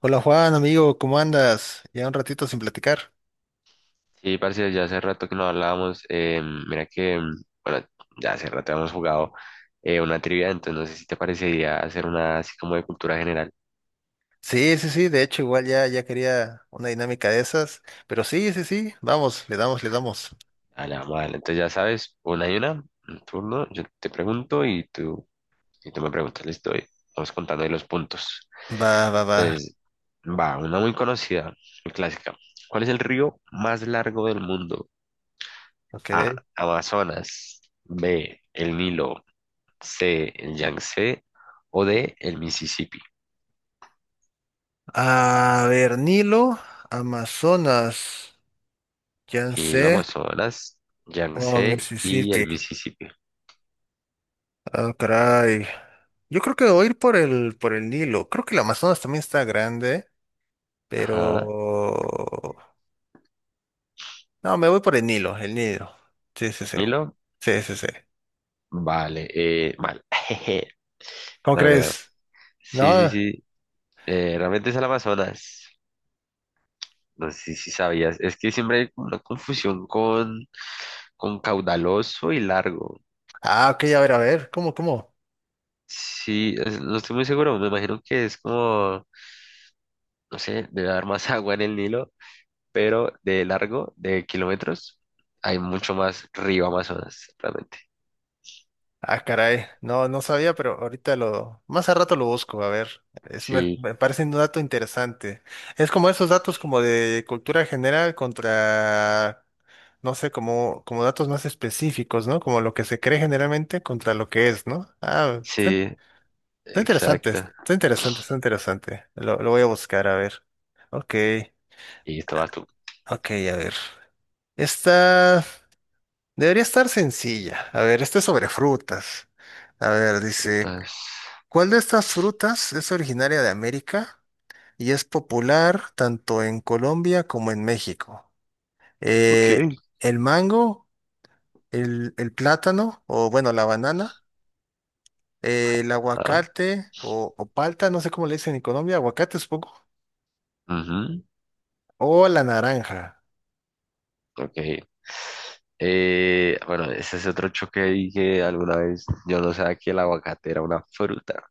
Hola Juan, amigo, ¿cómo andas? Ya un ratito sin platicar. Sí, parce, ya hace rato que no hablábamos. Mira que, bueno, ya hace rato hemos jugado una trivia, entonces no sé si te parecería hacer una así como de cultura general. Sí, sí, sí, de hecho igual ya, ya quería una dinámica de esas, pero sí, sí, sí, vamos, le damos, le damos. A la madre. Entonces ya sabes, una y una, un turno, yo te pregunto y tú, me preguntas, listo, y vamos contando ahí los puntos. Va, va, va, Entonces, va, una muy conocida, muy clásica. ¿Cuál es el río más largo del mundo? ok. A, Amazonas; B, el Nilo; C, el Yangtze; o D, el Mississippi. A ver, Nilo, Amazonas, Y el Yangtze Amazonas, o Yangtze y el Mississippi. Mississippi. Ah, caray. Yo creo que voy a ir por el Nilo. Creo que el Amazonas también está grande, Ajá. pero. No, me voy por el Nilo, el Nilo. Sí, sí, sí. Nilo, Sí, sí, sí. vale, mal. Jeje. ¿Cómo No, no, no. crees? Sí, sí, No, sí. Realmente es el Amazonas. No sé si sabías. Es que siempre hay como una confusión con, caudaloso y largo. ah, ok, a ver, ¿cómo, cómo? Sí, no estoy muy seguro. Me imagino que es como, no sé, debe haber más agua en el Nilo, pero de largo, de kilómetros, hay mucho más río Amazonas, realmente. Ah, caray, no, no sabía, pero ahorita más a rato lo busco, a ver, es, me, Sí, me parece un dato interesante. Es como esos datos como de cultura general contra, no sé, como datos más específicos, ¿no? Como lo que se cree generalmente contra lo que es, ¿no? Ah, está, sí. está interesante, Exacto. está interesante, está interesante. Lo voy a buscar, a ver. Ok, Y ah, estabas tú. ok, a ver. Esta. Debería estar sencilla. A ver, este es sobre frutas. A ver, dice, Putas. ¿cuál de estas frutas es originaria de América y es popular tanto en Colombia como en México? Ok. Eh, ¿El mango, el plátano o bueno, la banana, el Ah, aguacate o palta, no sé cómo le dicen en Colombia, aguacate supongo, ujú, o la naranja? ok. Bueno, ese es otro choque ahí que alguna vez yo no sabía que el aguacate era una fruta.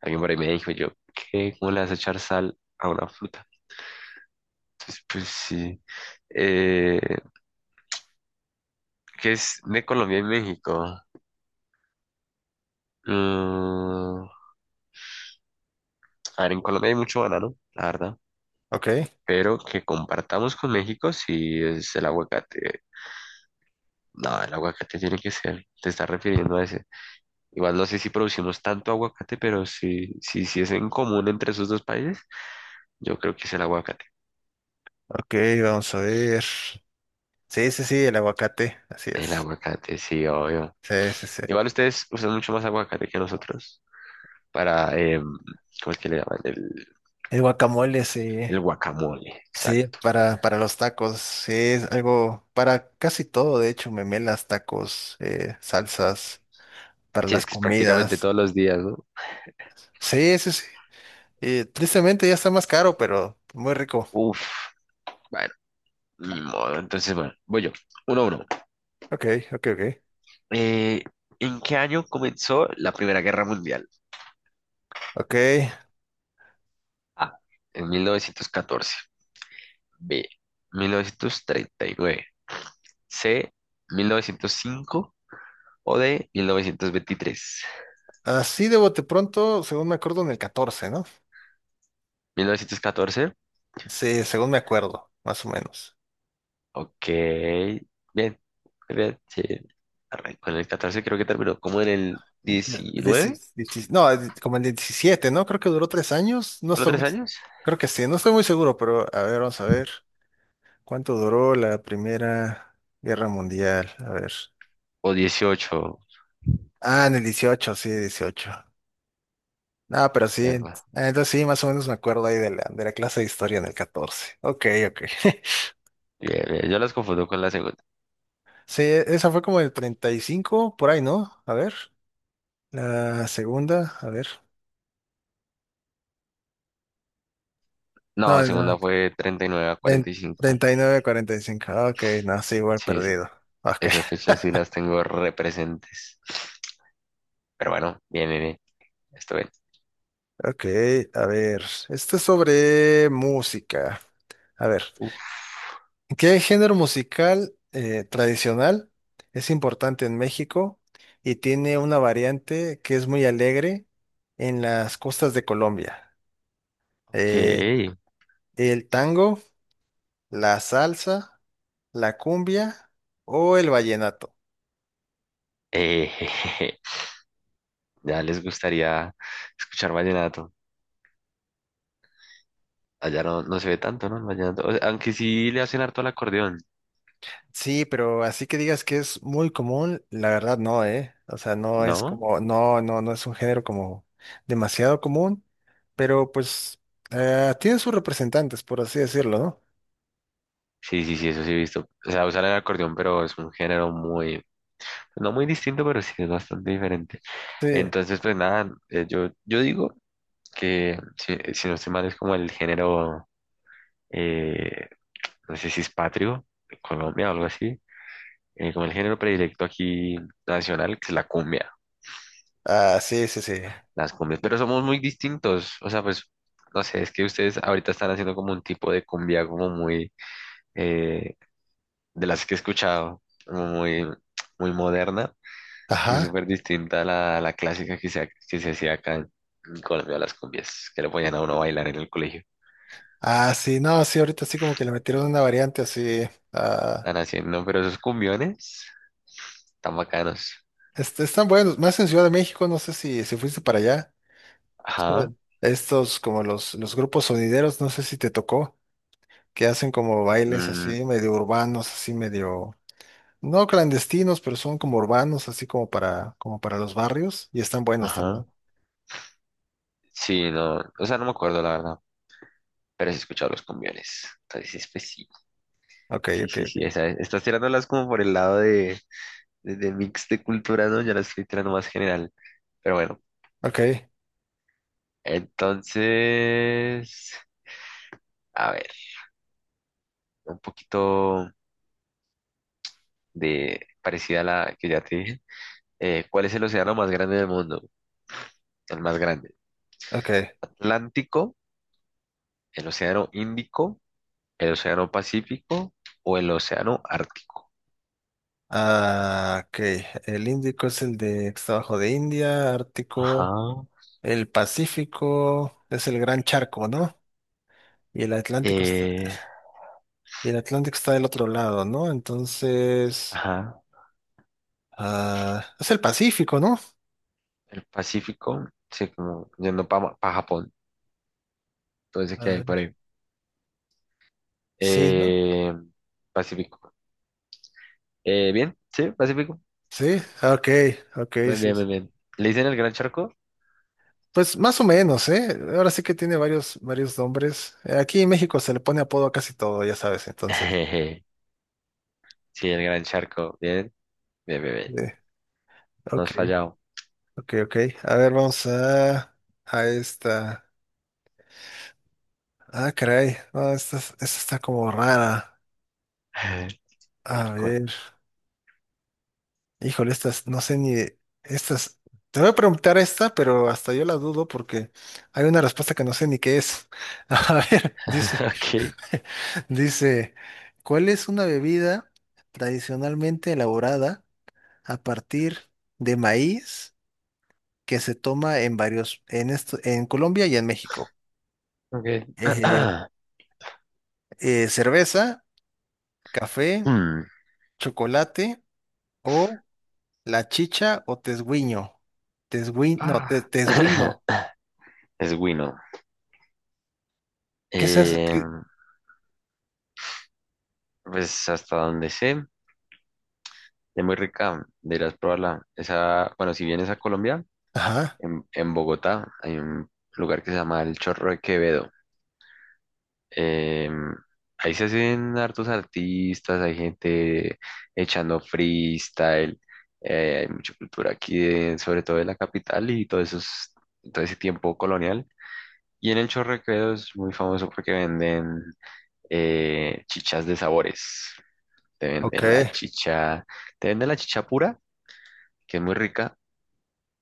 Alguien por ahí me dijo yo, ¿qué? ¿Cómo le vas a echar sal a una fruta? Entonces, pues sí. Eh, ¿Qué es de Colombia y México? Mm, a ver, en Colombia hay mucho banano, la verdad. Ok, Pero que compartamos con México sí es el aguacate. No, el aguacate tiene que ser, te estás refiriendo a ese. Igual no sé si producimos tanto aguacate, pero si es en común entre esos dos países, yo creo que es el aguacate. ok, vamos a ver. Sí, sí, sí, el aguacate, así El es. aguacate, sí, obvio. Sí, sí, sí. Igual ustedes usan mucho más aguacate que nosotros para, ¿cómo es que le llaman? El, El guacamole, sí. el guacamole, Sí, exacto. para los tacos, sí, es algo para casi todo, de hecho, memelas, tacos, salsas, para Sí, es las que es prácticamente comidas. todos los días, ¿no? Sí, sí, sí. Tristemente ya está más caro, pero muy rico. Uf, bueno, ni modo. Entonces, bueno, voy yo. 1-1. Ok, ok, ok. Eh, ¿En qué año comenzó la Primera Guerra Mundial? Ok, Ah, en 1914. B, 1939, C, 1905 o D, 1923, así de bote pronto, según me acuerdo, en el 14, ¿no? 1914. Sí, según me acuerdo, más o menos. Ok, bien, muy bien, sí. Arrancó con el catorce, creo que terminó como en el Ya, diecinueve. No, como el 17, ¿no? Creo que duró 3 años, no Solo estoy tres muy, años, creo que sí, no estoy muy seguro, pero a ver, vamos a ver. ¿Cuánto duró la Primera Guerra Mundial? A ver. o dieciocho. Ah, en el 18, sí, 18. No, pero sí, Epa, entonces sí, más o menos me acuerdo ahí de la clase de historia en el 14. Ok, ok. bien, bien, yo las confundo con la segunda. Sí, esa fue como el 35, por ahí, ¿no? A ver. La segunda, a ver. No, la No, segunda no, fue treinta y nueve a de- cuarenta y cinco, 39, 45. Ok, no, sí, igual Sí, perdido. Ok, esas fechas sí las tengo representes. Pero bueno, bien, bien, bien. Esto bien. ok, a ver. Esto es sobre música. A ver. Uf, ¿Qué género musical tradicional es importante en México y tiene una variante que es muy alegre en las costas de Colombia? Eh, ok. ¿El tango, la salsa, la cumbia o el vallenato? Eh, ya les gustaría escuchar vallenato. Allá no, no se ve tanto, ¿no? El vallenato. O sea, aunque sí le hacen harto al acordeón, Sí, pero así que digas que es muy común, la verdad no, ¿eh? O sea, no es ¿no? como, no es un género como demasiado común, pero pues tiene sus representantes, por así decirlo, ¿no? Sí, sí, sí, eso sí he visto. O sea, usar el acordeón, pero es un género muy, no muy distinto, pero sí es bastante diferente. Sí. Entonces, pues nada, yo digo que si no estoy mal es como el género, eh, no sé si es patrio, de Colombia o algo así, como el género predilecto aquí nacional, que es la cumbia. Ah, sí, sí, sí. Las cumbias, pero somos muy distintos, o sea, pues, no sé, es que ustedes ahorita están haciendo como un tipo de cumbia como muy, eh, de las que he escuchado, como muy, muy moderna y Ajá. súper distinta a a la clásica que que se hacía acá en Colombia, las cumbias, que le ponían a uno a bailar en el colegio. Ah, sí, no, sí, ahorita sí como que le metieron una variante así. Ah, Están haciendo, pero esos cumbiones tan bacanos. Están buenos, más en Ciudad de México, no sé si fuiste para allá. Ajá, Son estos como los grupos sonideros, no sé si te tocó, que hacen como bailes mm, así, medio urbanos, así medio, no clandestinos, pero son como urbanos, así como para los barrios, y están buenos también. ajá, sí, no, o sea, no me acuerdo la verdad, pero sí he escuchado los cumbiones, entonces, pues sí. Ok, Sí, ok, sí, sí, ok. esa es. Estás tirándolas como por el lado de mix de cultura, ¿no? Ya las estoy tirando más general. Pero bueno, Ok, entonces, a ver, un poquito de parecida a la que ya te dije. ¿Cuál es el océano más grande del mundo? El más grande. ok. ¿Atlántico, el océano Índico, el océano Pacífico o el océano Ártico? Ah, ok. El Índico es el de que está abajo de India, Ajá. Ártico. El Pacífico es el gran charco, ¿no? Y el Atlántico está, Eh, y el Atlántico está del otro lado, ¿no? Entonces, ajá. ah, es el Pacífico, ¿no? El Pacífico, sí, como yendo para Japón. Entonces, A ¿qué hay ver, por ahí? sí, ¿no? Eh, Pacífico. Bien, sí, Pacífico. Sí, ah, ok, ok, Muy sí. bien, muy sí. bien. ¿Le dicen el gran charco? Pues más o menos, ¿eh? Ahora sí que tiene varios nombres. Aquí en México se le pone apodo a casi todo, ya sabes, entonces. Sí, el gran charco. Bien, bien, bien, bien. eh, No has ok, fallado. ok, ok. A ver, vamos a esta. Ah, caray. No, esta está como rara. A ¿Cuál? ver. Híjole, estas, no sé ni, estas, te voy a preguntar esta, pero hasta yo la dudo porque hay una respuesta que no sé ni qué es. A ver, dice, Ok, dice, ¿cuál es una bebida tradicionalmente elaborada a partir de maíz que se toma en Colombia y en México? ok. Eh, cerveza, café, Mm. chocolate o la chicha o tesguiño. Tesguiño, no, Ah. tesguino. Es Wino. ¿Qué es eso? Eh, pues hasta donde sé, es muy rica. Deberás probarla. Esa, bueno, si vienes a Colombia, Ajá, en, Bogotá hay un lugar que se llama El Chorro de Quevedo. Em, Ahí se hacen hartos artistas, hay gente echando freestyle, hay mucha cultura aquí, sobre todo de la capital y todo eso todo ese tiempo colonial. Y en el Chorrequedo es muy famoso porque venden chichas de sabores. Te ok. venden la chicha, te venden la chicha pura, que es muy rica,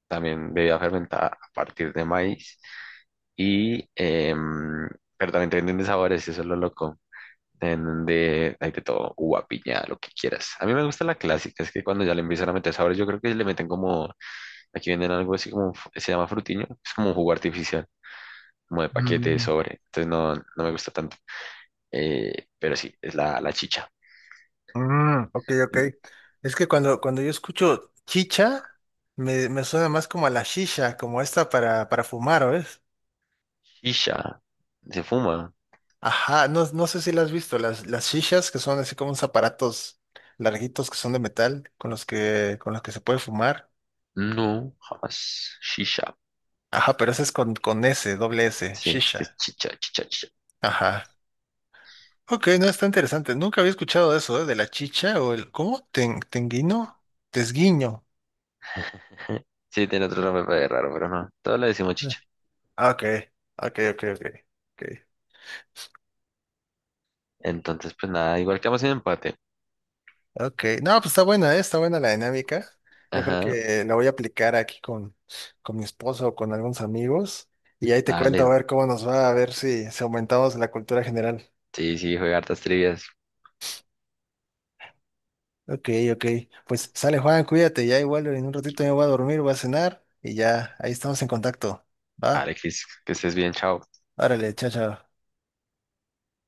también bebida fermentada a partir de maíz. Y, pero también te venden de sabores, eso es lo loco. En donde hay de todo, uva, piña, lo que quieras. A mí me gusta la clásica, es que cuando ya le empiezan a meter sabores, yo creo que le meten como, aquí venden algo así como, se llama frutiño, es como un jugo artificial, como de paquete, de Mm, sobre, entonces no, no me gusta tanto. Pero sí, es la chicha. mm, ok, ok. Es que cuando yo escucho chicha, me suena más como a la shisha, como esta para fumar, ¿o es? Shisha, ¿se fuma? Ajá, no, no sé si la has visto, las shishas que son así como unos aparatos larguitos que son de metal, con los que se puede fumar. No, jamás. Shisha. Ajá, pero ese es con S, SS, Sí, este es shisha. chicha, chicha, chicha. Ajá. Ok, no, está interesante. Nunca había escuchado eso, ¿eh? De la chicha o el, ¿cómo? Tenguino, tesguiño. Sí, tiene otro nombre pero es raro, pero no. Todos le decimos chicha. Ah, ok, ok, ok, ok. Ok. Entonces, pues nada, igual quedamos en empate. Ok, no, pues está buena, ¿eh? Está buena la dinámica. Yo creo Ajá, que la voy a aplicar aquí con mi esposo o con algunos amigos y ahí te cuento a dale. ver cómo nos va, a ver si aumentamos la cultura general. Sí, sí, juega hartas trivias. Ok, ok. Pues sale Juan, cuídate, ya igual en un ratito me voy a dormir, voy a cenar y ya ahí estamos en contacto. ¿Va? Alexis, que estés bien, chao. Órale, chao, chao.